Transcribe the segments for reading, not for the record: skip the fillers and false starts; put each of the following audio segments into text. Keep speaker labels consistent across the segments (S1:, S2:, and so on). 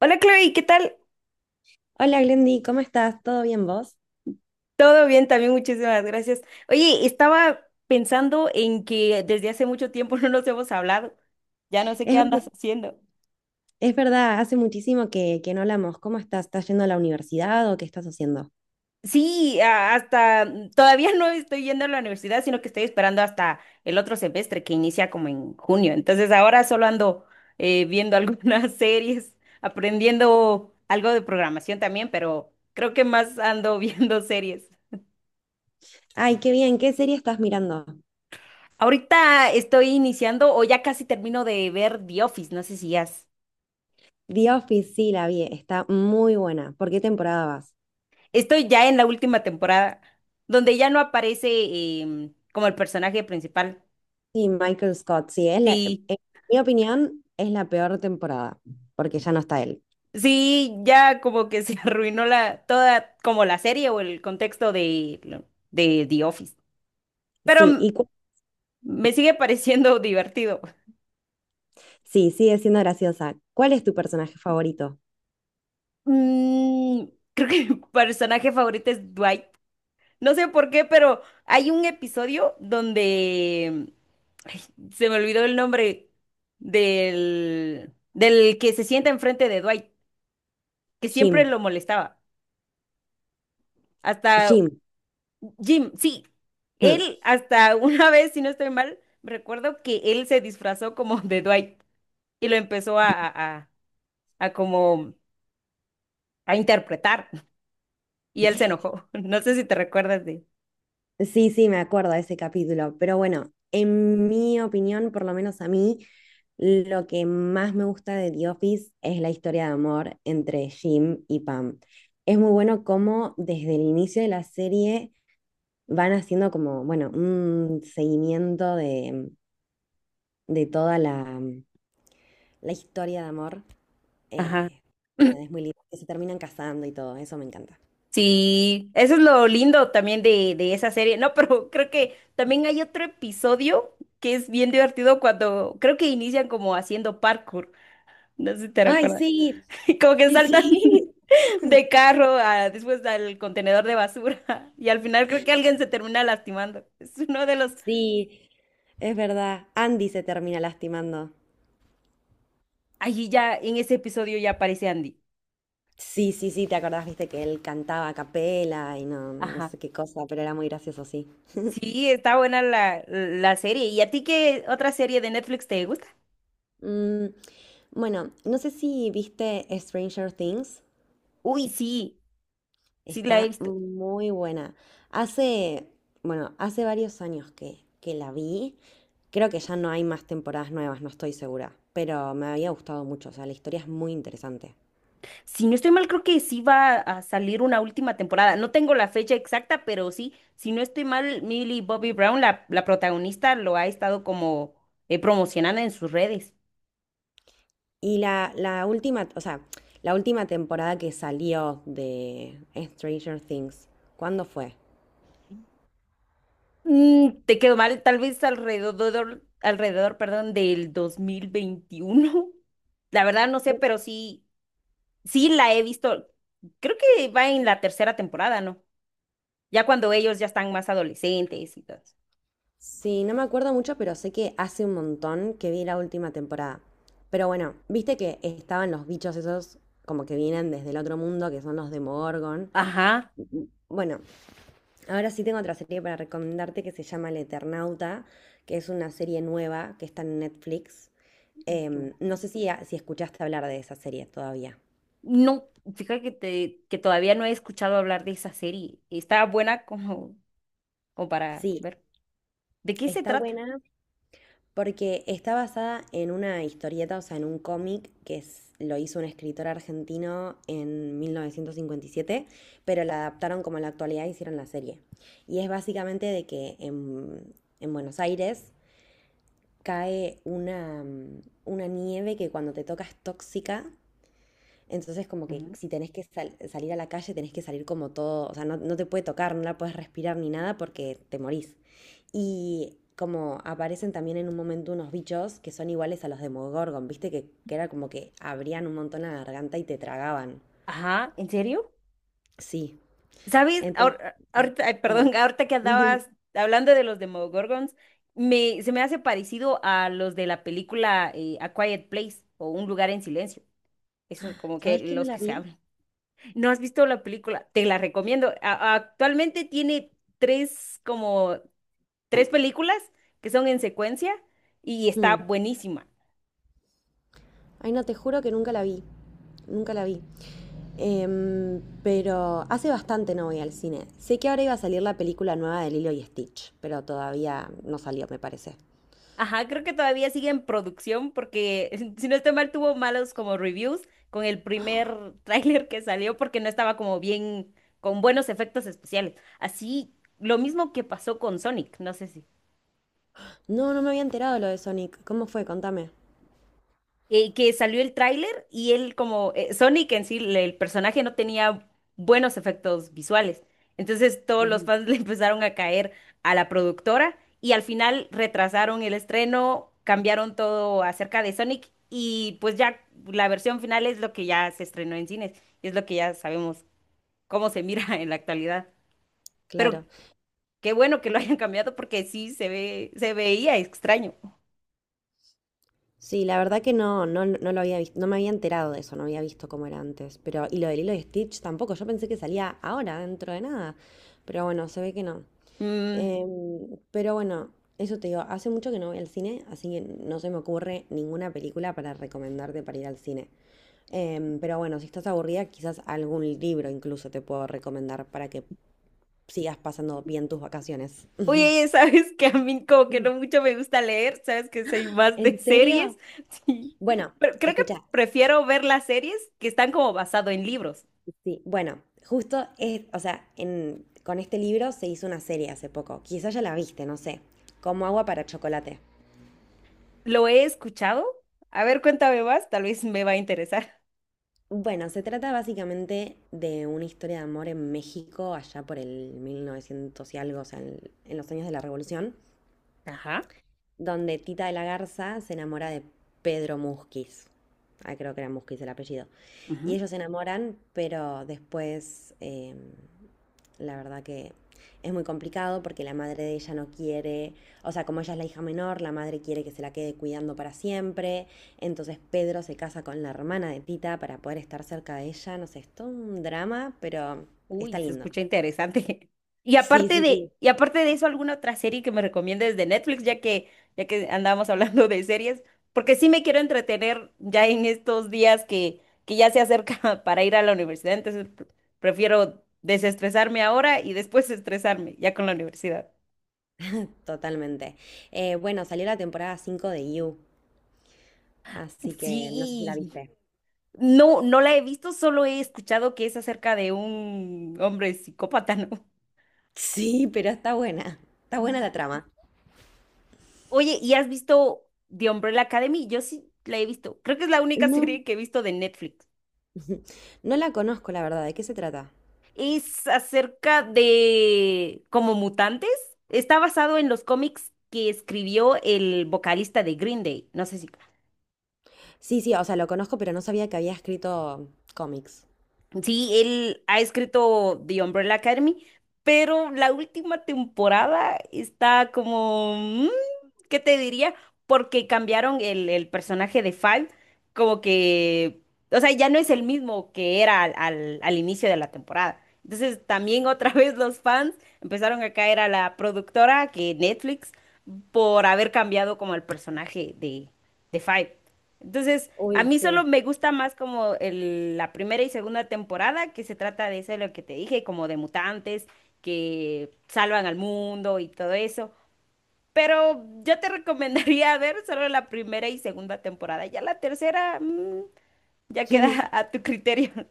S1: Hola Chloe, ¿qué tal?
S2: Hola Glendy, ¿cómo estás? ¿Todo bien vos?
S1: Todo bien también, muchísimas gracias. Oye, estaba pensando en que desde hace mucho tiempo no nos hemos hablado. Ya no sé
S2: Es
S1: qué
S2: verdad,
S1: andas haciendo.
S2: es verdad, hace muchísimo que no hablamos. ¿Cómo estás? ¿Estás yendo a la universidad o qué estás haciendo?
S1: Sí, todavía no estoy yendo a la universidad, sino que estoy esperando hasta el otro semestre que inicia como en junio. Entonces ahora solo ando viendo algunas series, aprendiendo algo de programación también, pero creo que más ando viendo series.
S2: Ay, qué bien, ¿qué serie estás mirando?
S1: Ahorita estoy iniciando o ya casi termino de ver The Office, no sé si has.
S2: The Office, sí, la vi, está muy buena. ¿Por qué temporada vas?
S1: Estoy ya en la última temporada, donde ya no aparece como el personaje principal.
S2: Sí, Michael Scott, sí,
S1: Sí,
S2: en mi opinión es la peor temporada, porque ya no está él.
S1: sí, ya como que se arruinó la toda como la serie o el contexto de de The Office. Pero
S2: Sí, y cu-
S1: me sigue pareciendo divertido.
S2: sí, sigue siendo graciosa. ¿Cuál es tu personaje favorito?
S1: Mm, creo que mi personaje favorito es Dwight. No sé por qué, pero hay un episodio donde ay, se me olvidó el nombre del que se sienta enfrente de Dwight, que siempre
S2: Jim.
S1: lo molestaba. Hasta
S2: Jim.
S1: Jim, sí. Él hasta una vez, si no estoy mal, recuerdo que él se disfrazó como de Dwight y lo empezó a como a interpretar y él se enojó. No sé si te recuerdas de.
S2: Sí, sí, me acuerdo de ese capítulo, pero bueno, en mi opinión, por lo menos a mí, lo que más me gusta de The Office es la historia de amor entre Jim y Pam. Es muy bueno cómo desde el inicio de la serie van haciendo como, bueno, un seguimiento de toda la historia de amor.
S1: Ajá.
S2: Eh, es muy lindo, que se terminan casando y todo, eso me encanta.
S1: Sí, eso es lo lindo también de esa serie. No, pero creo que también hay otro episodio que es bien divertido cuando creo que inician como haciendo parkour. No sé si te
S2: Ay,
S1: recuerdas.
S2: sí,
S1: Como que
S2: sí,
S1: saltan
S2: sí.
S1: de carro a, después al contenedor de basura. Y al final creo que alguien se termina lastimando. Es uno de los.
S2: Sí, es verdad. Andy se termina lastimando.
S1: Allí ya, en ese episodio ya aparece Andy.
S2: Sí, sí, sí, te acordás, viste que él cantaba a capela y no, no
S1: Ajá.
S2: sé qué cosa, pero era muy gracioso, sí.
S1: Sí, está buena la, la serie. ¿Y a ti qué otra serie de Netflix te gusta?
S2: Mm, bueno, no sé si viste Stranger Things.
S1: Uy, sí, sí la he
S2: Está
S1: visto.
S2: muy buena. Hace, bueno, hace varios años que la vi. Creo que ya no hay más temporadas nuevas, no estoy segura. Pero me había gustado mucho. O sea, la historia es muy interesante.
S1: Si no estoy mal, creo que sí va a salir una última temporada. No tengo la fecha exacta, pero sí, si no estoy mal, Millie Bobby Brown, la protagonista, lo ha estado como promocionando en sus redes.
S2: Y la última, o sea, la última temporada que salió de Stranger Things, ¿cuándo fue?
S1: Mm, te quedó mal, tal vez alrededor, alrededor, perdón, del 2021. La verdad no sé, pero sí, sí la he visto. Creo que va en la tercera temporada, ¿no? Ya cuando ellos ya están más adolescentes y todo eso.
S2: Sí, no me acuerdo mucho, pero sé que hace un montón que vi la última temporada. Pero bueno, viste que estaban los bichos esos como que vienen desde el otro mundo, que son los Demogorgon.
S1: Ajá.
S2: Bueno, ahora sí tengo otra serie para recomendarte que se llama El Eternauta, que es una serie nueva que está en Netflix. No sé si escuchaste hablar de esa serie todavía.
S1: No, fíjate que, que todavía no he escuchado hablar de esa serie. Está buena como, como para
S2: Sí,
S1: ver. ¿De qué se
S2: está
S1: trata?
S2: buena. Porque está basada en una historieta, o sea, en un cómic lo hizo un escritor argentino en 1957, pero la adaptaron como a la actualidad e hicieron la serie. Y es básicamente de que en Buenos Aires cae una, una nieve que cuando te toca es tóxica, entonces, como que
S1: Ujú.
S2: si tenés que salir a la calle, tenés que salir como todo, o sea, no, no te puede tocar, no la puedes respirar ni nada porque te morís. Y como aparecen también en un momento unos bichos que son iguales a los de Mogorgon, viste que era como que abrían un montón la garganta y te tragaban.
S1: Ajá, ¿en serio?
S2: Sí.
S1: ¿Sabes?
S2: Entonces,
S1: Ahorita, ay,
S2: perdón.
S1: perdón, ahorita que andabas hablando de los Demogorgons, se me hace parecido a los de la película A Quiet Place o Un lugar en silencio. Eso como que
S2: ¿Sabés que no
S1: los
S2: la
S1: que se
S2: vi?
S1: hablan. ¿No has visto la película? Te la recomiendo. Actualmente tiene tres como tres películas que son en secuencia y está
S2: Hmm.
S1: buenísima.
S2: Ay, no, te juro que nunca la vi. Nunca la vi. Pero hace bastante no voy al cine. Sé que ahora iba a salir la película nueva de Lilo y Stitch, pero todavía no salió, me parece.
S1: Ajá, creo que todavía sigue en producción porque, si no estoy mal, tuvo malos como reviews con el primer tráiler que salió porque no estaba como bien, con buenos efectos especiales. Así, lo mismo que pasó con Sonic, no sé si.
S2: No, no me había enterado lo de Sonic. ¿Cómo fue? Contame.
S1: Que salió el tráiler y él como Sonic en sí, el personaje no tenía buenos efectos visuales. Entonces todos los fans le empezaron a caer a la productora y al final retrasaron el estreno, cambiaron todo acerca de Sonic y pues ya la versión final es lo que ya se estrenó en cines y es lo que ya sabemos cómo se mira en la actualidad. Pero
S2: Claro.
S1: qué bueno que lo hayan cambiado porque sí se ve, se veía extraño.
S2: Sí, la verdad que no, no, no lo había visto, no me había enterado de eso, no había visto cómo era antes. Pero, y lo de Lilo y Stitch tampoco, yo pensé que salía ahora, dentro de nada. Pero bueno, se ve que no.
S1: Mm.
S2: Pero bueno, eso te digo, hace mucho que no voy al cine, así que no se me ocurre ninguna película para recomendarte para ir al cine. Pero bueno, si estás aburrida, quizás algún libro incluso te puedo recomendar para que sigas pasando bien tus vacaciones.
S1: Oye, sabes que a mí como que no mucho me gusta leer, sabes que soy más de
S2: ¿En
S1: series,
S2: serio?
S1: sí,
S2: Bueno,
S1: pero creo que
S2: escucha,
S1: prefiero ver las series que están como basado en libros.
S2: sí, bueno, justo es, o sea, con este libro se hizo una serie hace poco, quizás ya la viste, no sé, Como agua para chocolate.
S1: ¿Lo he escuchado? A ver, cuéntame más, tal vez me va a interesar.
S2: Bueno, se trata básicamente de una historia de amor en México, allá por el 1900 y algo, o sea, en los años de la Revolución,
S1: Ajá.
S2: donde Tita de la Garza se enamora de Pedro Musquiz. Ah, creo que era Musquiz el apellido. Y ellos se enamoran, pero después la verdad que es muy complicado porque la madre de ella no quiere, o sea, como ella es la hija menor, la madre quiere que se la quede cuidando para siempre. Entonces Pedro se casa con la hermana de Tita para poder estar cerca de ella. No sé, es todo un drama, pero está
S1: Uy, se
S2: lindo.
S1: escucha interesante.
S2: Sí, sí, sí.
S1: Y aparte de eso, ¿alguna otra serie que me recomiendes de Netflix, ya que andábamos hablando de series? Porque sí me quiero entretener ya en estos días que ya se acerca para ir a la universidad, entonces prefiero desestresarme ahora y después estresarme ya con la universidad.
S2: Totalmente. Bueno, salió la temporada 5 de You, así que no sé si la
S1: Sí,
S2: viste.
S1: no, no la he visto, solo he escuchado que es acerca de un hombre psicópata, ¿no?
S2: Sí, pero está buena. Está buena la trama.
S1: Oye, ¿y has visto The Umbrella Academy? Yo sí la he visto. Creo que es la única
S2: No,
S1: serie que he visto de Netflix.
S2: no la conozco, la verdad. ¿De qué se trata?
S1: Es acerca de como mutantes. Está basado en los cómics que escribió el vocalista de Green Day. No sé si...
S2: Sí, sí, o sea, lo conozco, pero no sabía que había escrito cómics.
S1: Sí, él ha escrito The Umbrella Academy, pero la última temporada está como... mm, ¿qué te diría? Porque cambiaron el personaje de Five, como que o sea, ya no es el mismo que era al inicio de la temporada. Entonces, también otra vez los fans empezaron a caer a la productora, que Netflix, por haber cambiado como el personaje de Five. Entonces,
S2: Uy,
S1: a mí solo
S2: sí.
S1: me gusta más como la primera y segunda temporada, que se trata de eso, lo que te dije, como de mutantes que salvan al mundo y todo eso. Pero yo te recomendaría ver solo la primera y segunda temporada. Ya la tercera. Ya queda a tu criterio.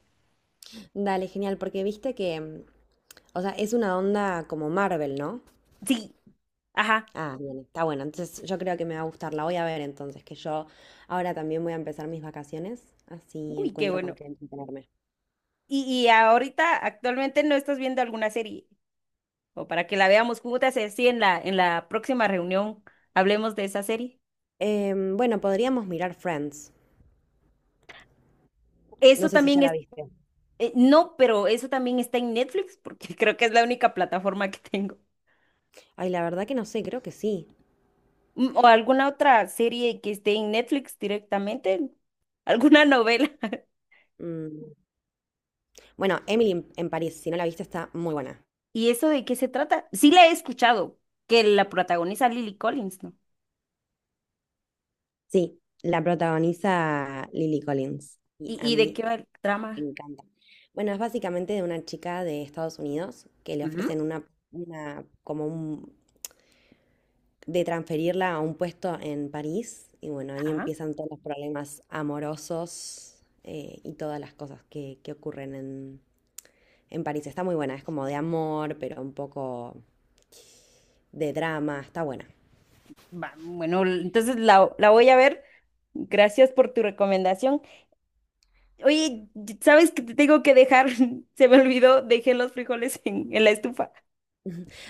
S2: Dale, genial, porque viste que, o sea, es una onda como Marvel, ¿no?
S1: Sí, ajá.
S2: Ah, bien, está bueno. Entonces yo creo que me va a gustar. La voy a ver entonces, que yo ahora también voy a empezar mis vacaciones, así
S1: Uy, qué
S2: encuentro con
S1: bueno.
S2: qué entretenerme.
S1: Y ahorita, actualmente no estás viendo alguna serie. O para que la veamos juntas, sí, en la próxima reunión hablemos de esa serie.
S2: Bueno, podríamos mirar Friends. No
S1: Eso
S2: sé si
S1: también
S2: ya la
S1: es,
S2: viste.
S1: no, pero eso también está en Netflix, porque creo que es la única plataforma que tengo.
S2: Ay, la verdad que no sé, creo que sí.
S1: O alguna otra serie que esté en Netflix directamente, alguna novela.
S2: Mm, Bueno, Emily en París, si no la viste, está muy buena.
S1: ¿Y eso de qué se trata? Sí la he escuchado, que la protagoniza Lily Collins, ¿no?
S2: Sí, la protagoniza Lily Collins y a
S1: Y de
S2: mí
S1: qué va el
S2: me
S1: trama?
S2: encanta. Bueno, es básicamente de una chica de Estados Unidos que le ofrecen de transferirla a un puesto en París y bueno, ahí
S1: Ajá.
S2: empiezan todos los problemas amorosos y todas las cosas que ocurren en París. Está muy buena, es como de amor, pero un poco de drama, está buena.
S1: Va, bueno, entonces la voy a ver. Gracias por tu recomendación. Oye, ¿sabes que te tengo que dejar? Se me olvidó, dejé los frijoles en la estufa.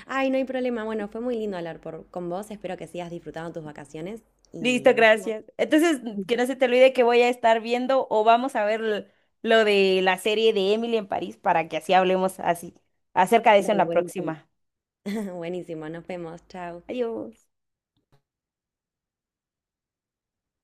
S2: Ay, no hay problema. Bueno, fue muy lindo hablar por, con vos. Espero que sigas disfrutando tus vacaciones
S1: Listo,
S2: y nos vemos.
S1: gracias. Entonces, que no se te olvide que voy a estar viendo o vamos a ver lo de la serie de Emily en París para que así hablemos así acerca de eso en
S2: Dale,
S1: la
S2: buenísimo.
S1: próxima.
S2: Buenísimo, nos vemos, chao.
S1: Adiós.